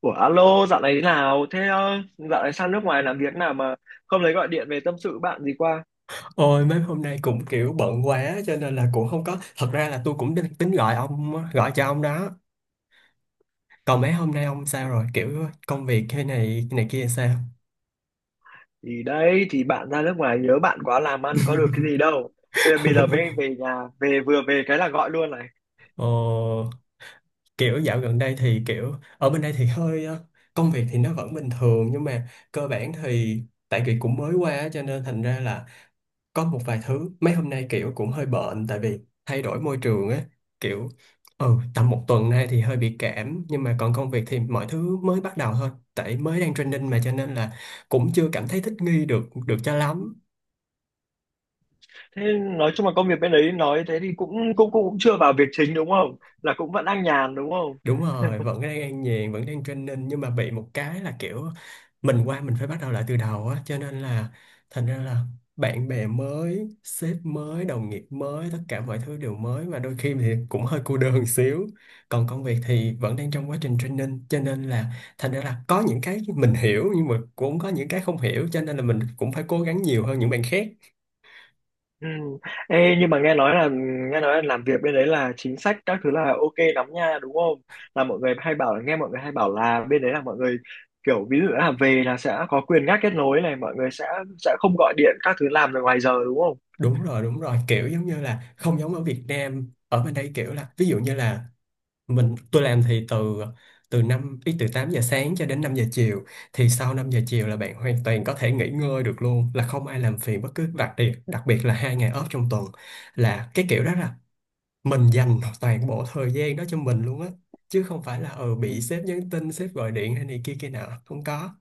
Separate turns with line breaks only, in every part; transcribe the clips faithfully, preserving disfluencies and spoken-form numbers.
Ủa alo, dạo này thế nào? Thế ờ, dạo này sang nước ngoài làm việc nào mà không lấy gọi điện về tâm sự bạn gì qua?
Ôi, mấy hôm nay cũng kiểu bận quá cho nên là cũng không có. Thật ra là tôi cũng định- tính gọi ông á, gọi cho ông đó. Còn mấy hôm nay ông sao rồi, kiểu công việc thế này này kia sao?
Thì đấy, thì bạn ra nước ngoài nhớ bạn quá làm ăn có được cái gì đâu. Thế là bây giờ mới về nhà, về vừa về cái là gọi luôn này.
ờ, Kiểu dạo gần đây thì kiểu ở bên đây thì hơi ờ, công việc thì nó vẫn bình thường, nhưng mà cơ bản thì tại vì cũng mới qua á, cho nên thành ra là có một vài thứ mấy hôm nay kiểu cũng hơi bệnh, tại vì thay đổi môi trường á. Kiểu ừ tầm một tuần nay thì hơi bị cảm, nhưng mà còn công việc thì mọi thứ mới bắt đầu thôi, tại mới đang training mà, cho nên là cũng chưa cảm thấy thích nghi được được cho lắm.
Thế nói chung là công việc bên đấy nói thế thì cũng cũng cũng, cũng chưa vào việc chính đúng không? Là cũng vẫn đang nhàn đúng không?
Đúng rồi, vẫn đang an nhàn, vẫn đang training, nhưng mà bị một cái là kiểu mình qua mình phải bắt đầu lại từ đầu á, cho nên là thành ra là bạn bè mới, sếp mới, đồng nghiệp mới, tất cả mọi thứ đều mới, mà đôi khi thì cũng hơi cô đơn xíu. Còn công việc thì vẫn đang trong quá trình training, cho nên là thành ra là có những cái mình hiểu nhưng mà cũng có những cái không hiểu, cho nên là mình cũng phải cố gắng nhiều hơn những bạn khác.
Ừ. Ê, nhưng mà nghe nói là nghe nói là làm việc bên đấy là chính sách các thứ là ok lắm nha đúng không? Là mọi người hay bảo là nghe mọi người hay bảo là bên đấy là mọi người kiểu ví dụ là về là sẽ có quyền ngắt kết nối này mọi người sẽ sẽ không gọi điện các thứ làm được ngoài giờ đúng không?
Đúng rồi, đúng rồi, kiểu giống như là không giống ở Việt Nam. Ở bên đây kiểu là ví dụ như là mình tôi làm thì từ từ năm ý từ tám giờ sáng cho đến năm giờ chiều. Thì sau năm giờ chiều là bạn hoàn toàn có thể nghỉ ngơi được luôn, là không ai làm phiền bất cứ, đặc biệt đặc biệt là hai ngày off trong tuần, là cái kiểu đó là mình dành toàn bộ thời gian đó cho mình luôn á, chứ không phải là ừ
Ừ.
bị sếp nhắn tin, sếp gọi điện hay này kia kia nào không có.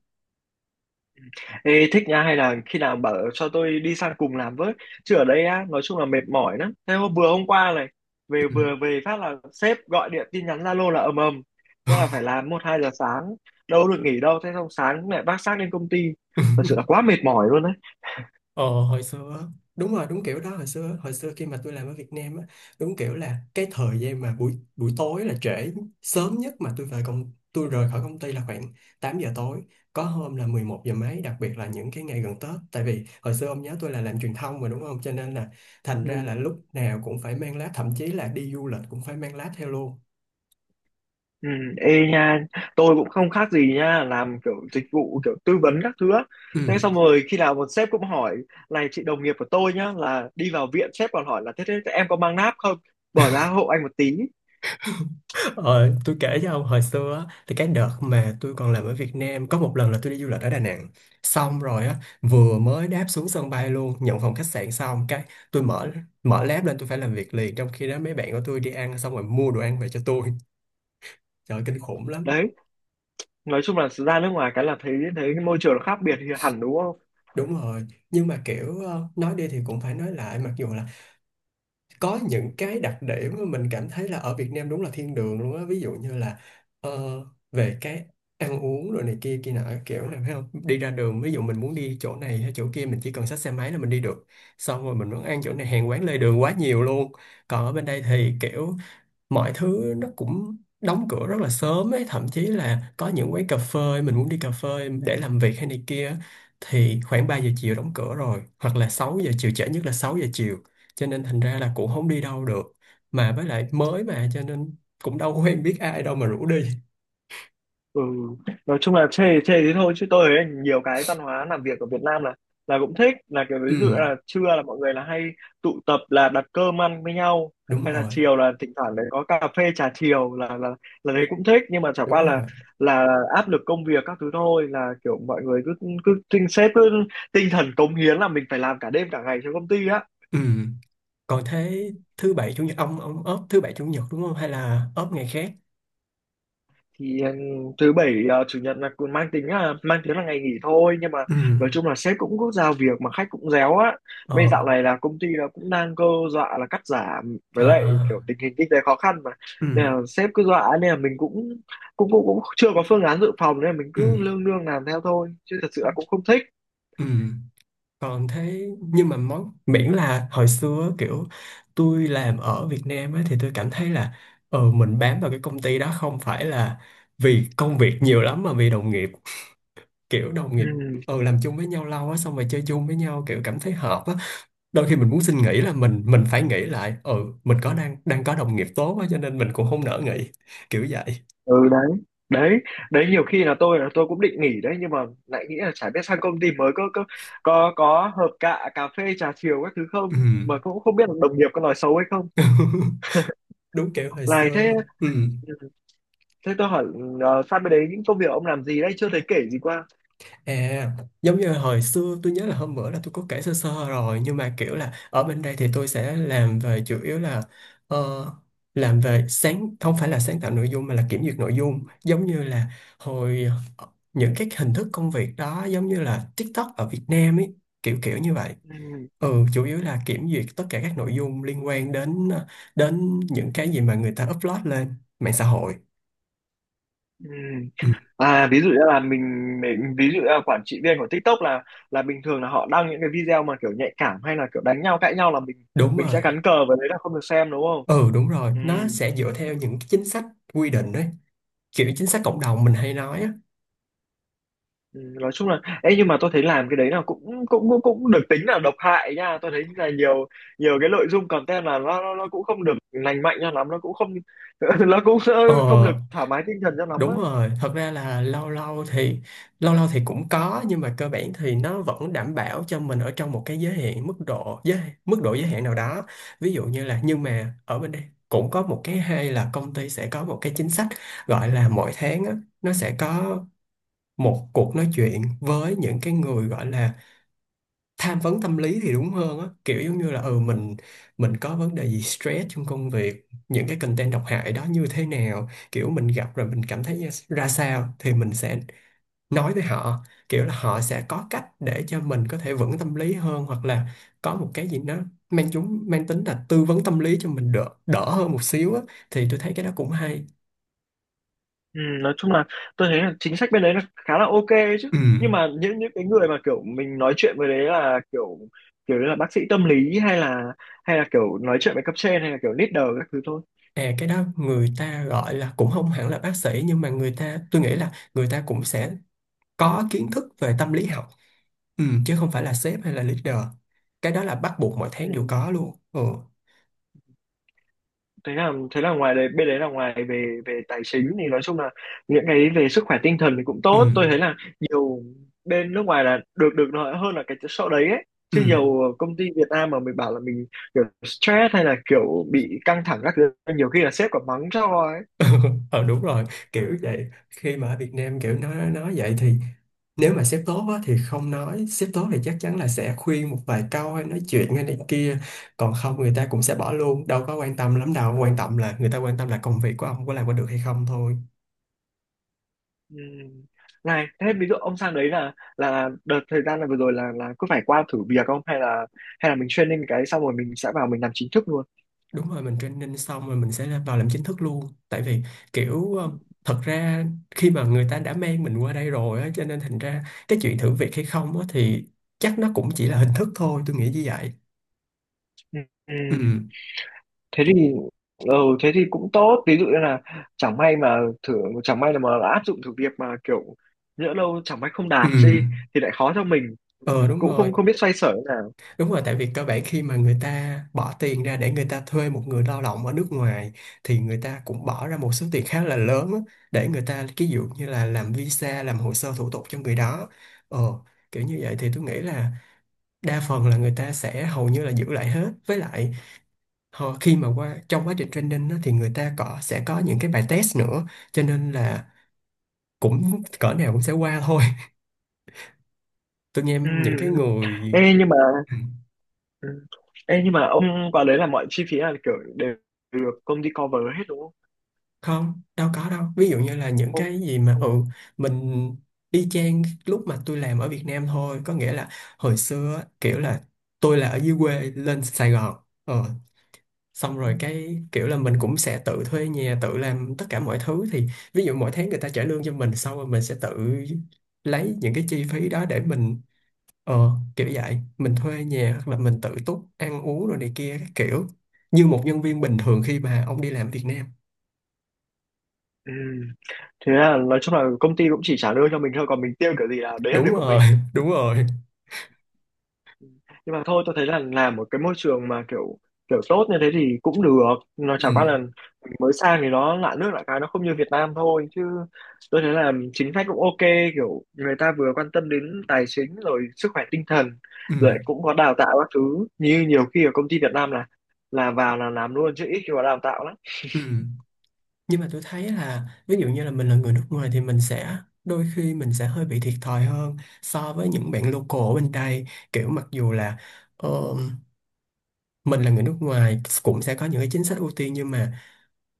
Ê, thích nha hay là khi nào bảo cho tôi đi sang cùng làm với, chứ ở đây á nói chung là mệt mỏi lắm. Thế hôm vừa hôm qua này, về
Ừ.
vừa về phát là sếp gọi điện tin nhắn Zalo là ầm ầm, thế là phải làm một hai giờ sáng, đâu được nghỉ đâu. Thế xong sáng mẹ vác xác lên công ty, thật sự là quá mệt mỏi luôn đấy.
Ờ Hồi xưa á, đúng rồi, đúng kiểu đó. Hồi xưa hồi xưa khi mà tôi làm ở Việt Nam á, đúng kiểu là cái thời gian mà buổi buổi tối là trễ, sớm nhất mà tôi về công tôi rời khỏi công ty là khoảng tám giờ tối, có hôm là mười một giờ mấy, đặc biệt là những cái ngày gần Tết, tại vì hồi xưa ông nhớ tôi là làm truyền thông mà đúng không, cho nên là thành ra là
Ừ.
lúc nào cũng phải mang lá, thậm chí là đi du lịch cũng phải mang lá theo luôn.
Ừ. Ê nha, tôi cũng không khác gì nha, làm kiểu dịch vụ kiểu tư vấn các thứ á.
Ừ.
Thế xong rồi khi nào một sếp cũng hỏi, này chị đồng nghiệp của tôi nhá là đi vào viện sếp còn hỏi là thế, thế em có mang náp không, bỏ ra hộ anh một tí.
Ờ, tôi kể cho ông hồi xưa á, thì cái đợt mà tôi còn làm ở Việt Nam có một lần là tôi đi du lịch ở Đà Nẵng. Xong rồi á, vừa mới đáp xuống sân bay luôn, nhận phòng khách sạn xong cái tôi mở mở laptop lên, tôi phải làm việc liền, trong khi đó mấy bạn của tôi đi ăn xong rồi mua đồ ăn về cho tôi. Trời ơi, kinh khủng lắm.
Đấy, nói chung là ra nước ngoài cái là thấy thấy môi trường nó khác biệt thì hẳn đúng không.
Đúng rồi, nhưng mà kiểu ờ, nói đi thì cũng phải nói lại, mặc dù là có những cái đặc điểm mà mình cảm thấy là ở Việt Nam đúng là thiên đường luôn á. Ví dụ như là ờ, về cái ăn uống rồi này kia kia nọ, kiểu này phải không, đi ra đường ví dụ mình muốn đi chỗ này hay chỗ kia mình chỉ cần xách xe máy là mình đi được. Xong rồi mình muốn ăn chỗ này, hàng quán lề đường quá nhiều luôn. Còn ở bên đây thì kiểu mọi thứ nó cũng đóng cửa rất là sớm ấy, thậm chí là có những quán cà phê mình muốn đi cà phê để làm việc hay này kia, thì khoảng ba giờ chiều đóng cửa rồi, hoặc là sáu giờ chiều, trễ nhất là sáu giờ chiều, cho nên thành ra là cũng không đi đâu được. Mà với lại mới mà cho nên cũng đâu quen biết ai đâu mà rủ đi.
Ừ, nói chung là chê chê thế thôi chứ tôi thấy nhiều cái văn hóa làm việc ở Việt Nam là là cũng thích, là kiểu ví
Ừ,
dụ là trưa là mọi người là hay tụ tập là đặt cơm ăn với nhau,
đúng
hay là
rồi,
chiều là thỉnh thoảng đấy có cà phê trà chiều là là là đấy cũng thích, nhưng mà chả qua
đúng
là
rồi.
là áp lực công việc các thứ thôi, là kiểu mọi người cứ cứ tinh sếp cứ tinh thần cống hiến là mình phải làm cả đêm cả ngày cho công ty á.
Ừ. Còn thế thứ bảy chủ nhật ông ông ốp thứ bảy chủ nhật đúng không, hay là ốp ngày khác?
Thì ừ, thứ bảy ờ, chủ nhật là cũng mang tính là mang tiếng là ngày nghỉ thôi, nhưng mà nói
Ừ.
chung là sếp cũng có giao việc mà khách cũng réo á. Mấy dạo
ờ
này là công ty là cũng đang cơ dọa là cắt giảm với
ờ
lại kiểu tình hình kinh tế khó khăn mà,
ừ.
nên là sếp cứ dọa nên là mình cũng cũng cũng, cũng chưa có phương án dự phòng, nên là mình
Ừ.
cứ lương lương làm theo thôi chứ thật sự là cũng không thích.
Ừ. Còn thế nhưng mà món miễn là hồi xưa kiểu tôi làm ở Việt Nam á, thì tôi cảm thấy là ừ, mình bám vào cái công ty đó không phải là vì công việc nhiều lắm mà vì đồng nghiệp, kiểu đồng nghiệp
Ừ.
ừ làm chung với nhau lâu á, xong rồi chơi chung với nhau kiểu cảm thấy hợp á. Đôi khi mình muốn xin nghỉ là mình mình phải nghĩ lại, ừ mình có đang đang có đồng nghiệp tốt á, cho nên mình cũng không nỡ nghỉ, kiểu vậy.
Ừ đấy, đấy đấy nhiều khi là tôi là tôi cũng định nghỉ đấy, nhưng mà lại nghĩ là chả biết sang công ty mới có có có có hợp cạ cà phê trà chiều các thứ
Ừ.
không, mà cũng không biết là đồng nghiệp có nói xấu hay không.
Đúng kiểu hồi
Này thế
xưa. Ừ.
ừ, thế tôi hỏi ờ, sang bên đấy những công việc ông làm gì đấy chưa thấy kể gì qua.
À, giống như hồi xưa tôi nhớ là hôm bữa là tôi có kể sơ sơ rồi, nhưng mà kiểu là ở bên đây thì tôi sẽ làm về chủ yếu là ờ, làm về, sáng không phải là sáng tạo nội dung mà là kiểm duyệt nội dung, giống như là hồi ờ, những cái hình thức công việc đó giống như là TikTok ở Việt Nam ấy, kiểu kiểu như vậy.
Ừ,
Ừ, chủ yếu là kiểm duyệt tất cả các nội dung liên quan đến ờ, đến những cái gì mà người ta upload lên mạng xã hội.
ừ.
Ừ,
À ví dụ như là mình, mình ví dụ như là quản trị viên của TikTok là là bình thường là họ đăng những cái video mà kiểu nhạy cảm hay là kiểu đánh nhau cãi nhau là mình
đúng
mình sẽ
rồi.
cắn cờ với đấy là không được xem đúng không.
Ừ, đúng rồi,
Ừ.
nó sẽ dựa theo những cái chính sách quy định đấy, kiểu chính sách cộng đồng mình hay nói á.
Ừ, nói chung là ấy nhưng mà tôi thấy làm cái đấy là cũng cũng cũng cũng được tính là độc hại nha, tôi thấy là nhiều nhiều cái nội dung content là nó nó, nó cũng không được lành mạnh cho lắm, nó cũng không nó cũng sẽ
ờ
không được thoải mái tinh thần cho lắm á.
Đúng rồi, thật ra là lâu lâu thì lâu lâu thì cũng có, nhưng mà cơ bản thì nó vẫn đảm bảo cho mình ở trong một cái giới hạn, mức độ giới mức độ giới hạn nào đó. Ví dụ như là, nhưng mà ở bên đây cũng có một cái hay là công ty sẽ có một cái chính sách gọi là mỗi tháng á, nó sẽ có một cuộc nói chuyện với những cái người gọi là tham vấn tâm lý thì đúng hơn á, kiểu giống như là ừ mình mình có vấn đề gì stress trong công việc, những cái content độc hại đó như thế nào, kiểu mình gặp rồi mình cảm thấy như- ra sao thì mình sẽ nói với họ, kiểu là họ sẽ có cách để cho mình có thể vững tâm lý hơn, hoặc là có một cái gì nó mang chúng mang tính là tư vấn tâm lý cho mình đỡ đỡ hơn một xíu á, thì tôi thấy cái đó cũng hay.
Ừ, nói chung là tôi thấy là chính sách bên đấy là khá là ok ấy chứ,
Ừ.
nhưng mà những những cái người mà kiểu mình nói chuyện với đấy là kiểu kiểu như là bác sĩ tâm lý hay là hay là kiểu nói chuyện với cấp trên hay là kiểu leader các thứ thôi.
À, cái đó người ta gọi là cũng không hẳn là bác sĩ, nhưng mà người ta tôi nghĩ là người ta cũng sẽ có kiến thức về tâm lý học. Ừ, chứ không phải là sếp hay là leader. Cái đó là bắt buộc mỗi tháng đều
Ừ.
có luôn. Ừ.
thế là thế là ngoài đấy bên đấy là ngoài về về tài chính thì nói chung là những cái về sức khỏe tinh thần thì cũng
Ừ.
tốt, tôi thấy là nhiều bên nước ngoài là được được nói hơn là cái chỗ đấy ấy
Ừ.
chứ, nhiều công ty Việt Nam mà mình bảo là mình kiểu stress hay là kiểu bị căng thẳng các thứ nhiều khi là sếp còn mắng cho ấy.
ờ Đúng rồi, kiểu vậy. Khi mà ở Việt Nam kiểu nói nói vậy thì, nếu mà sếp tốt á, thì không, nói sếp tốt thì chắc chắn là sẽ khuyên một vài câu hay nói chuyện hay này kia. Còn không, người ta cũng sẽ bỏ luôn, đâu có quan tâm lắm, đâu quan tâm, là người ta quan tâm là công việc của ông có làm có được hay không thôi.
Ừ. Này thế ví dụ ông sang đấy là là đợt thời gian là vừa rồi là là cứ phải qua thử việc không, hay là hay là mình training cái xong rồi mình sẽ vào mình làm chính thức luôn.
Đúng rồi, mình training xong rồi mình sẽ là vào làm chính thức luôn. Tại vì kiểu ờ, thật ra khi mà người ta đã mang mình qua đây rồi á, cho nên thành ra cái chuyện thử việc hay không á, thì chắc nó cũng chỉ là hình thức thôi, tôi nghĩ như vậy. Ừ,
Ừ. Thế thì ừ, thế thì cũng tốt, ví dụ như là chẳng may mà thử, chẳng may là mà áp dụng thử việc mà kiểu nhỡ đâu chẳng may không
ừ,
đạt đi thì lại khó cho mình.
ờ
Ừ,
đúng
cũng
rồi,
không không biết xoay sở thế nào.
đúng rồi. Tại vì cơ bản khi mà người ta bỏ tiền ra để người ta thuê một người lao động ở nước ngoài, thì người ta cũng bỏ ra một số tiền khá là lớn á, để người ta ví dụ như là làm visa, làm hồ sơ thủ tục cho người đó. Ờ, Kiểu như vậy thì tôi nghĩ là đa phần là người ta sẽ hầu như là giữ lại hết, với lại họ khi mà qua trong quá trình training á, thì người ta có sẽ có những cái bài test nữa, cho nên là cũng cỡ nào cũng sẽ qua thôi. Tôi nghe
Ừ.
những cái
Ừ.
người.
Ê, nhưng mà
Ừ.
ừ. Ê, nhưng mà ông vào đấy là mọi chi phí là kiểu đều được công ty cover hết đúng không.
Không, đâu có đâu, ví dụ như là những
Không-
cái gì mà
không
ừ
ạ.
mình y chang lúc mà tôi làm ở Việt Nam thôi, có nghĩa là hồi xưa á, kiểu là tôi là ở dưới quê lên Sài Gòn, ờ xong
Ừ.
rồi cái kiểu là mình cũng sẽ tự thuê nhà, tự làm tất cả mọi thứ. Thì ví dụ mỗi tháng người ta trả lương cho mình, xong rồi mình sẽ tự lấy những cái chi phí đó để mình ờ kiểu vậy mình thuê nhà, hoặc là mình tự túc ăn uống rồi này kia các kiểu, như một nhân viên bình thường khi mà ông đi làm Việt Nam.
Ừ. Thế là nói chung là công ty cũng chỉ trả lương cho mình thôi còn mình tiêu kiểu gì là đấy là việc
Đúng
của
rồi.
mình.
Đúng rồi.
Nhưng mà thôi tôi thấy là làm một cái môi trường mà kiểu kiểu tốt như thế thì cũng được, nó chả qua
Ừ.
là mình mới sang thì nó lạ nước lạ cái nó không như Việt Nam thôi chứ, tôi thấy là chính sách cũng ok, kiểu người ta vừa quan tâm đến tài chính rồi sức khỏe tinh thần
Ừ.
rồi cũng có đào tạo các thứ, như nhiều khi ở công ty Việt Nam là là vào là làm luôn chứ ít khi có đào tạo lắm.
Ừ. Nhưng mà tôi thấy là ví dụ như là mình là người nước ngoài thì mình sẽ, đôi khi mình sẽ hơi bị thiệt thòi hơn so với những bạn local ở bên đây, kiểu mặc dù là ờ, mình là người nước ngoài cũng sẽ có những cái chính sách ưu tiên, nhưng mà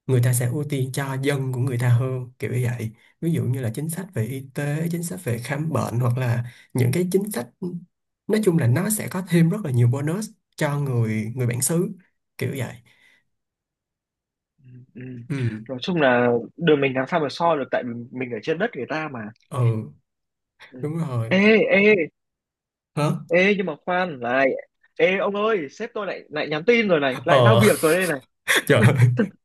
người ta sẽ ưu tiên cho dân của người ta hơn, kiểu như vậy. Ví dụ như là chính sách về y tế, chính sách về khám bệnh, hoặc là những cái chính sách, nói chung là nó sẽ có thêm rất là nhiều bonus cho người người bản xứ, kiểu vậy.
Ừ. Ừ.
Ừ.
Nói chung là đường mình làm sao mà so được, tại vì mình ở trên đất người ta mà.
Ừ.
Ừ.
Đúng rồi.
Ê ê,
Hả?
Ê nhưng mà khoan này, Ê ông ơi sếp tôi lại lại nhắn tin rồi này, lại giao
Ờ.
việc rồi đây này.
Trời ơi.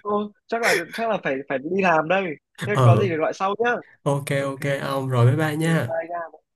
Ô, Chắc là chắc là phải phải đi làm đây. Thế có
Ờ,
gì thì gọi sau nhá.
ok
Ok.
ok ông, rồi bye bye
Ừ,
nha.
bye nha.